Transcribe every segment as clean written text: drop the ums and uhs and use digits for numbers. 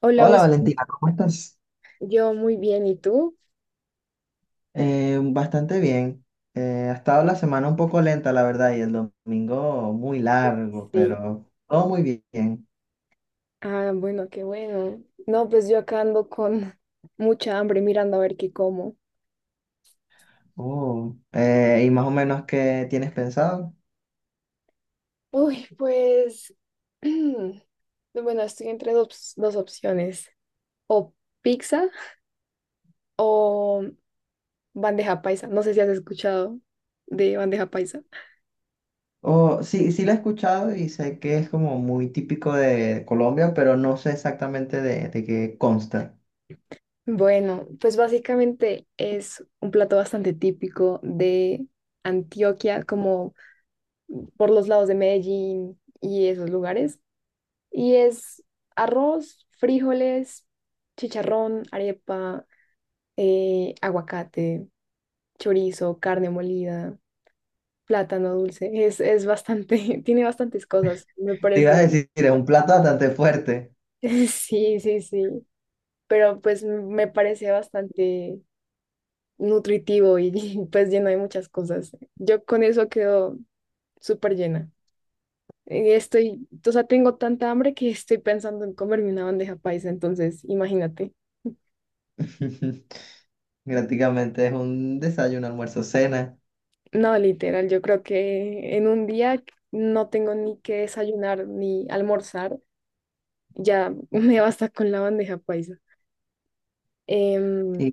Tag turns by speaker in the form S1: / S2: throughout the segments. S1: Hola,
S2: Hola Valentina, ¿cómo estás?
S1: Yo muy bien, ¿y tú?
S2: Bastante bien. Ha estado la semana un poco lenta, la verdad, y el domingo muy largo,
S1: Sí.
S2: pero todo muy bien.
S1: Ah, bueno, qué bueno. No, pues yo acá ando con mucha hambre mirando a ver qué como.
S2: Oh, ¿y más o menos qué tienes pensado?
S1: Uy, pues, bueno, estoy entre dos opciones, o pizza o bandeja paisa. No sé si has escuchado de bandeja paisa.
S2: Oh, sí, sí la he escuchado y sé que es como muy típico de Colombia, pero no sé exactamente de qué consta.
S1: Bueno, pues básicamente es un plato bastante típico de Antioquia, como por los lados de Medellín y esos lugares. Y es arroz, frijoles, chicharrón, arepa, aguacate, chorizo, carne molida, plátano dulce. Es bastante, tiene bastantes cosas, me
S2: Te iba a
S1: parece.
S2: decir, es un plato bastante fuerte.
S1: Sí, sí, sí. Pero pues me parece bastante nutritivo y, pues lleno de muchas cosas. Yo con eso quedo súper llena. Estoy, o sea, tengo tanta hambre que estoy pensando en comerme una bandeja paisa, entonces imagínate.
S2: Prácticamente es un desayuno, almuerzo, cena.
S1: No, literal, yo creo que en un día no tengo ni que desayunar ni almorzar, ya me basta con la bandeja paisa. Em,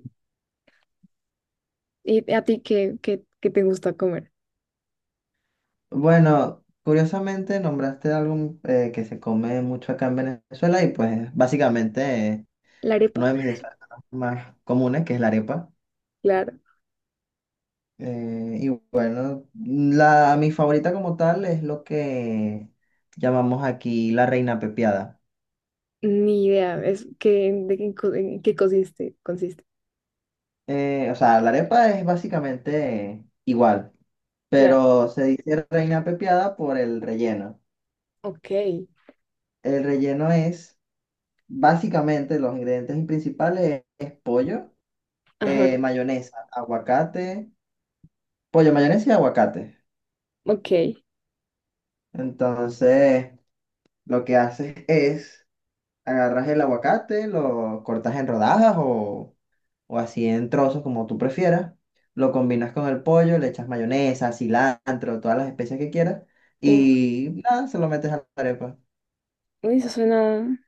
S1: ¿Y a ti qué te gusta comer?
S2: Bueno, curiosamente nombraste algo que se come mucho acá en Venezuela y pues básicamente
S1: ¿La arepa?
S2: uno de mis desayunos más comunes que es la arepa.
S1: Claro,
S2: Y bueno, mi favorita como tal es lo que llamamos aquí la reina pepiada.
S1: ni idea, es que, de qué, en qué consiste.
S2: O sea, la arepa es básicamente igual,
S1: Claro,
S2: pero se dice reina pepiada por el relleno.
S1: ok,
S2: El relleno es básicamente los ingredientes principales es pollo. eh,
S1: ajá,
S2: mayonesa, aguacate, pollo, mayonesa y aguacate.
S1: ok.
S2: Entonces, lo que haces es agarras el aguacate, lo cortas en rodajas o así en trozos como tú prefieras, lo combinas con el pollo, le echas mayonesa, cilantro, todas las especias que quieras
S1: Uf,
S2: y nada, se lo metes a la arepa.
S1: uy, eso suena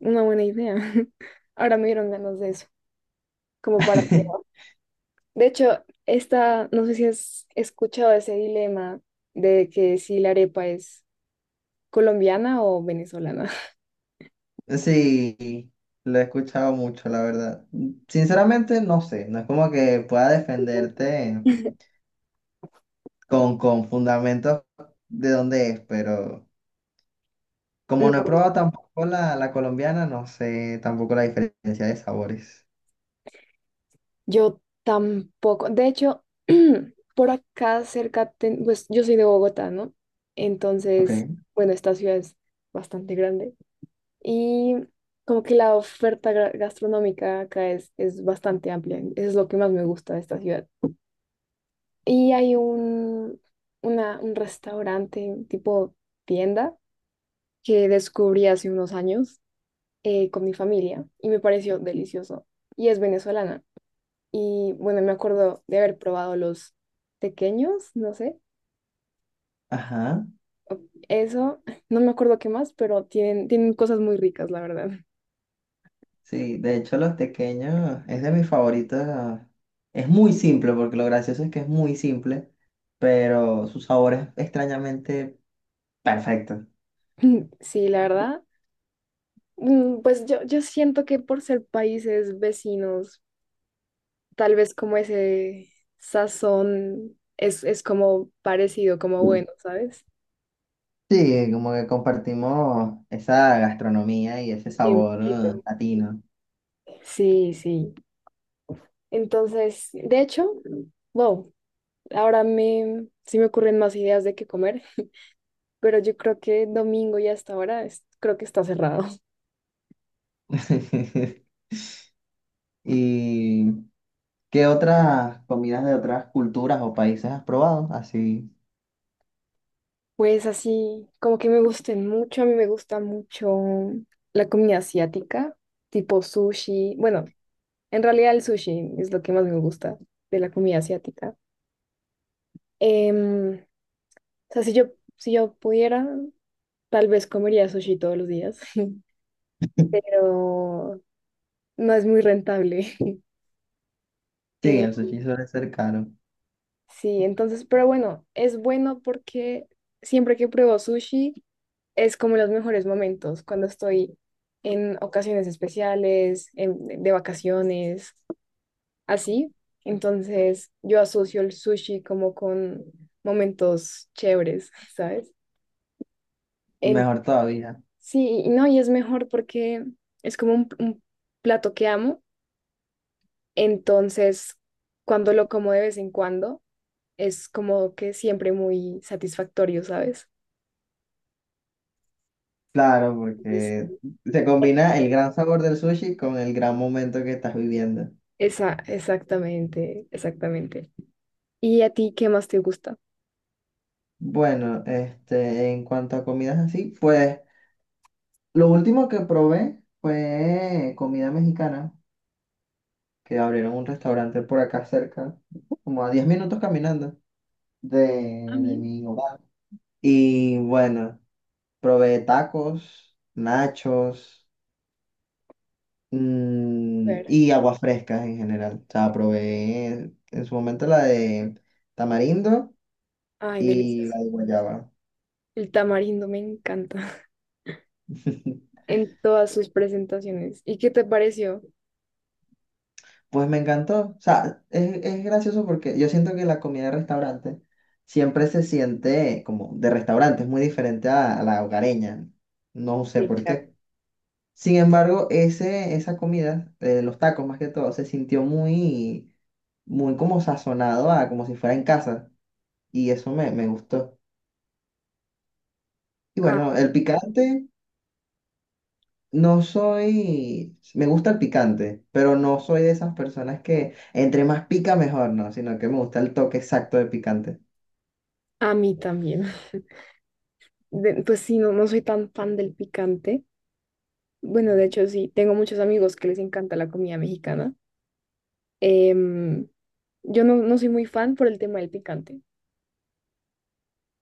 S1: una buena idea. Ahora me dieron ganas de eso, como para probar. De hecho, esta, no sé si has escuchado ese dilema de que si la arepa es colombiana o venezolana.
S2: Sí, lo he escuchado mucho, la verdad. Sinceramente, no sé, no es como que pueda defenderte con fundamentos de dónde es, pero como no he
S1: No,
S2: probado tampoco la colombiana, no sé tampoco la diferencia de sabores.
S1: yo tampoco. De hecho, por acá cerca, pues yo soy de Bogotá, ¿no?
S2: Ok.
S1: Entonces, bueno, esta ciudad es bastante grande y como que la oferta gastronómica acá es bastante amplia. Eso es lo que más me gusta de esta ciudad. Y hay un restaurante tipo tienda que descubrí hace unos años con mi familia y me pareció delicioso. Y es venezolana. Y bueno, me acuerdo de haber probado los pequeños, no sé,
S2: Ajá.
S1: eso, no me acuerdo qué más, pero tienen cosas muy ricas, la verdad.
S2: Sí, de hecho los tequeños es de mis favoritos. Es muy simple, porque lo gracioso es que es muy simple, pero su sabor es extrañamente perfecto.
S1: Sí, la verdad. Pues yo siento que por ser países vecinos, tal vez como ese sazón es como parecido, como bueno, ¿sabes?
S2: Sí, como que compartimos esa gastronomía y ese
S1: Sí, un
S2: sabor
S1: poquito.
S2: latino.
S1: Sí, sí. Entonces, de hecho, wow, ahora me, sí me ocurren más ideas de qué comer, pero yo creo que domingo y hasta ahora creo que está cerrado.
S2: Y ¿qué otras comidas de otras culturas o países has probado? Así.
S1: Pues así, como que me gusten mucho, a mí me gusta mucho la comida asiática, tipo sushi. Bueno, en realidad el sushi es lo que más me gusta de la comida asiática. Em, o sea, si yo pudiera, tal vez comería sushi todos los días, pero no es muy rentable.
S2: Sí, el
S1: Eh,
S2: sushi suele ser caro.
S1: sí, entonces, pero bueno, es bueno porque siempre que pruebo sushi es como los mejores momentos, cuando estoy en ocasiones especiales, de vacaciones, así. Entonces, yo asocio el sushi como con momentos chéveres, ¿sabes? En,
S2: Mejor todavía.
S1: sí, y no, y es mejor porque es como un plato que amo. Entonces, cuando lo como de vez en cuando, es como que siempre muy satisfactorio, ¿sabes?
S2: Claro, porque se combina el gran sabor del sushi con el gran momento que estás viviendo.
S1: Exactamente, exactamente. ¿Y a ti qué más te gusta?
S2: Bueno, este, en cuanto a comidas así, pues lo último que probé fue comida mexicana, que abrieron un restaurante por acá cerca, como a 10 minutos caminando de,
S1: A
S2: de
S1: mí,
S2: mi hogar. Y bueno, probé tacos, nachos,
S1: ver.
S2: y aguas frescas en general. O sea, probé en su momento la de tamarindo
S1: Ay,
S2: y
S1: delicioso.
S2: la de guayaba.
S1: El tamarindo me encanta en todas sus presentaciones. ¿Y qué te pareció?
S2: Pues me encantó. O sea, es gracioso porque yo siento que la comida de restaurante siempre se siente como de restaurante, es muy diferente a la hogareña. No sé
S1: Sí,
S2: por
S1: claro.
S2: qué. Sin embargo, ese, esa comida, los tacos más que todo, se sintió muy, muy como sazonado a como si fuera en casa. Y eso me gustó. Y
S1: Ah,
S2: bueno, el picante, no soy, me gusta el picante, pero no soy de esas personas que entre más pica mejor, ¿no? Sino que me gusta el toque exacto de picante.
S1: a mí también. Pues sí, no, no soy tan fan del picante. Bueno, de hecho sí, tengo muchos amigos que les encanta la comida mexicana. Em, yo no, no soy muy fan por el tema del picante,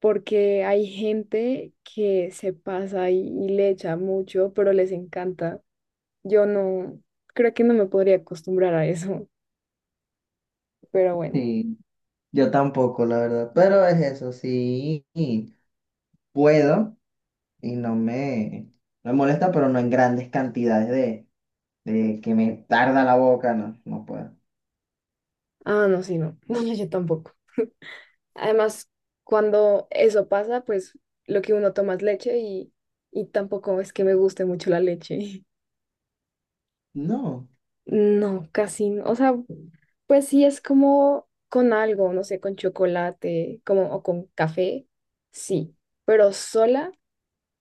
S1: porque hay gente que se pasa y, le echa mucho, pero les encanta. Yo no, creo que no me podría acostumbrar a eso, pero bueno.
S2: Sí, yo tampoco, la verdad. Pero es eso, sí, y puedo y no me molesta, pero no en grandes cantidades de que me tarda la boca, no, no puedo.
S1: Ah, no, sí, no. No, no, yo tampoco. Además, cuando eso pasa, pues lo que uno toma es leche y tampoco es que me guste mucho la leche.
S2: No.
S1: No, casi no. O sea, pues sí es como con algo, no sé, con chocolate, como o con café, sí. Pero sola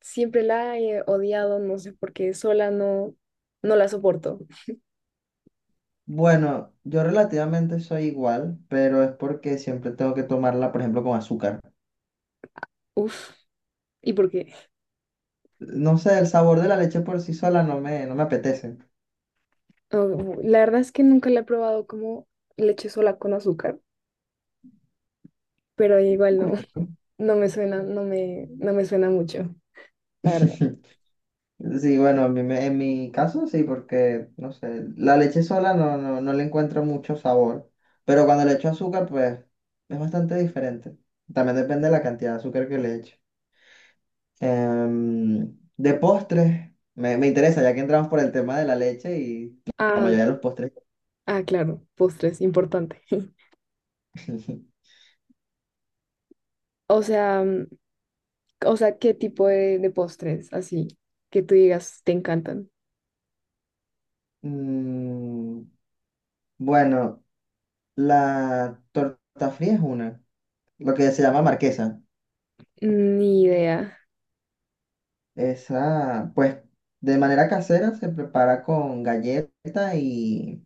S1: siempre la he odiado, no sé por qué, sola no, no la soporto.
S2: Bueno, yo relativamente soy igual, pero es porque siempre tengo que tomarla, por ejemplo, con azúcar.
S1: Uf, ¿y por qué?
S2: No sé, el sabor de la leche por sí sola no me apetece.
S1: Oh, la verdad es que nunca la he probado como leche sola con azúcar, pero igual no,
S2: Curioso.
S1: no me suena, no me suena mucho, la verdad.
S2: Sí, bueno, en mi caso sí, porque, no sé, la leche sola no, no, no le encuentro mucho sabor, pero cuando le echo azúcar, pues es bastante diferente. También depende de la cantidad de azúcar que le echo. De postres, me interesa, ya que entramos por el tema de la leche y la
S1: Ah,
S2: mayoría de los postres.
S1: ah, claro, postres, importante. O sea, o sea, ¿qué tipo de postres así que tú digas te encantan?
S2: Mm, bueno, la torta fría es una, lo que se llama marquesa.
S1: Ni idea.
S2: Esa, pues, de manera casera se prepara con galleta y,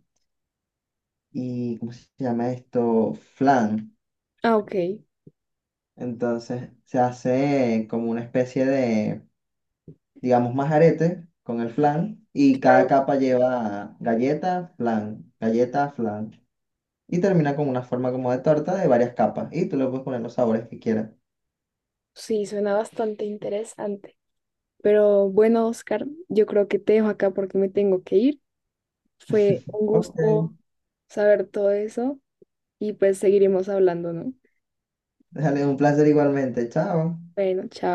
S2: y ¿cómo se llama esto? Flan.
S1: Ah, ok,
S2: Entonces se hace como una especie de digamos, más aretes con el flan y cada
S1: claro.
S2: capa lleva galleta, flan, galleta, flan. Y termina con una forma como de torta de varias capas. Y tú le puedes poner los sabores que quieras.
S1: Sí, suena bastante interesante. Pero bueno, Oscar, yo creo que te dejo acá porque me tengo que ir. Fue un
S2: Ok,
S1: gusto saber todo eso. Y pues seguiremos hablando, ¿no?
S2: déjale un placer igualmente. Chao.
S1: Bueno, chao.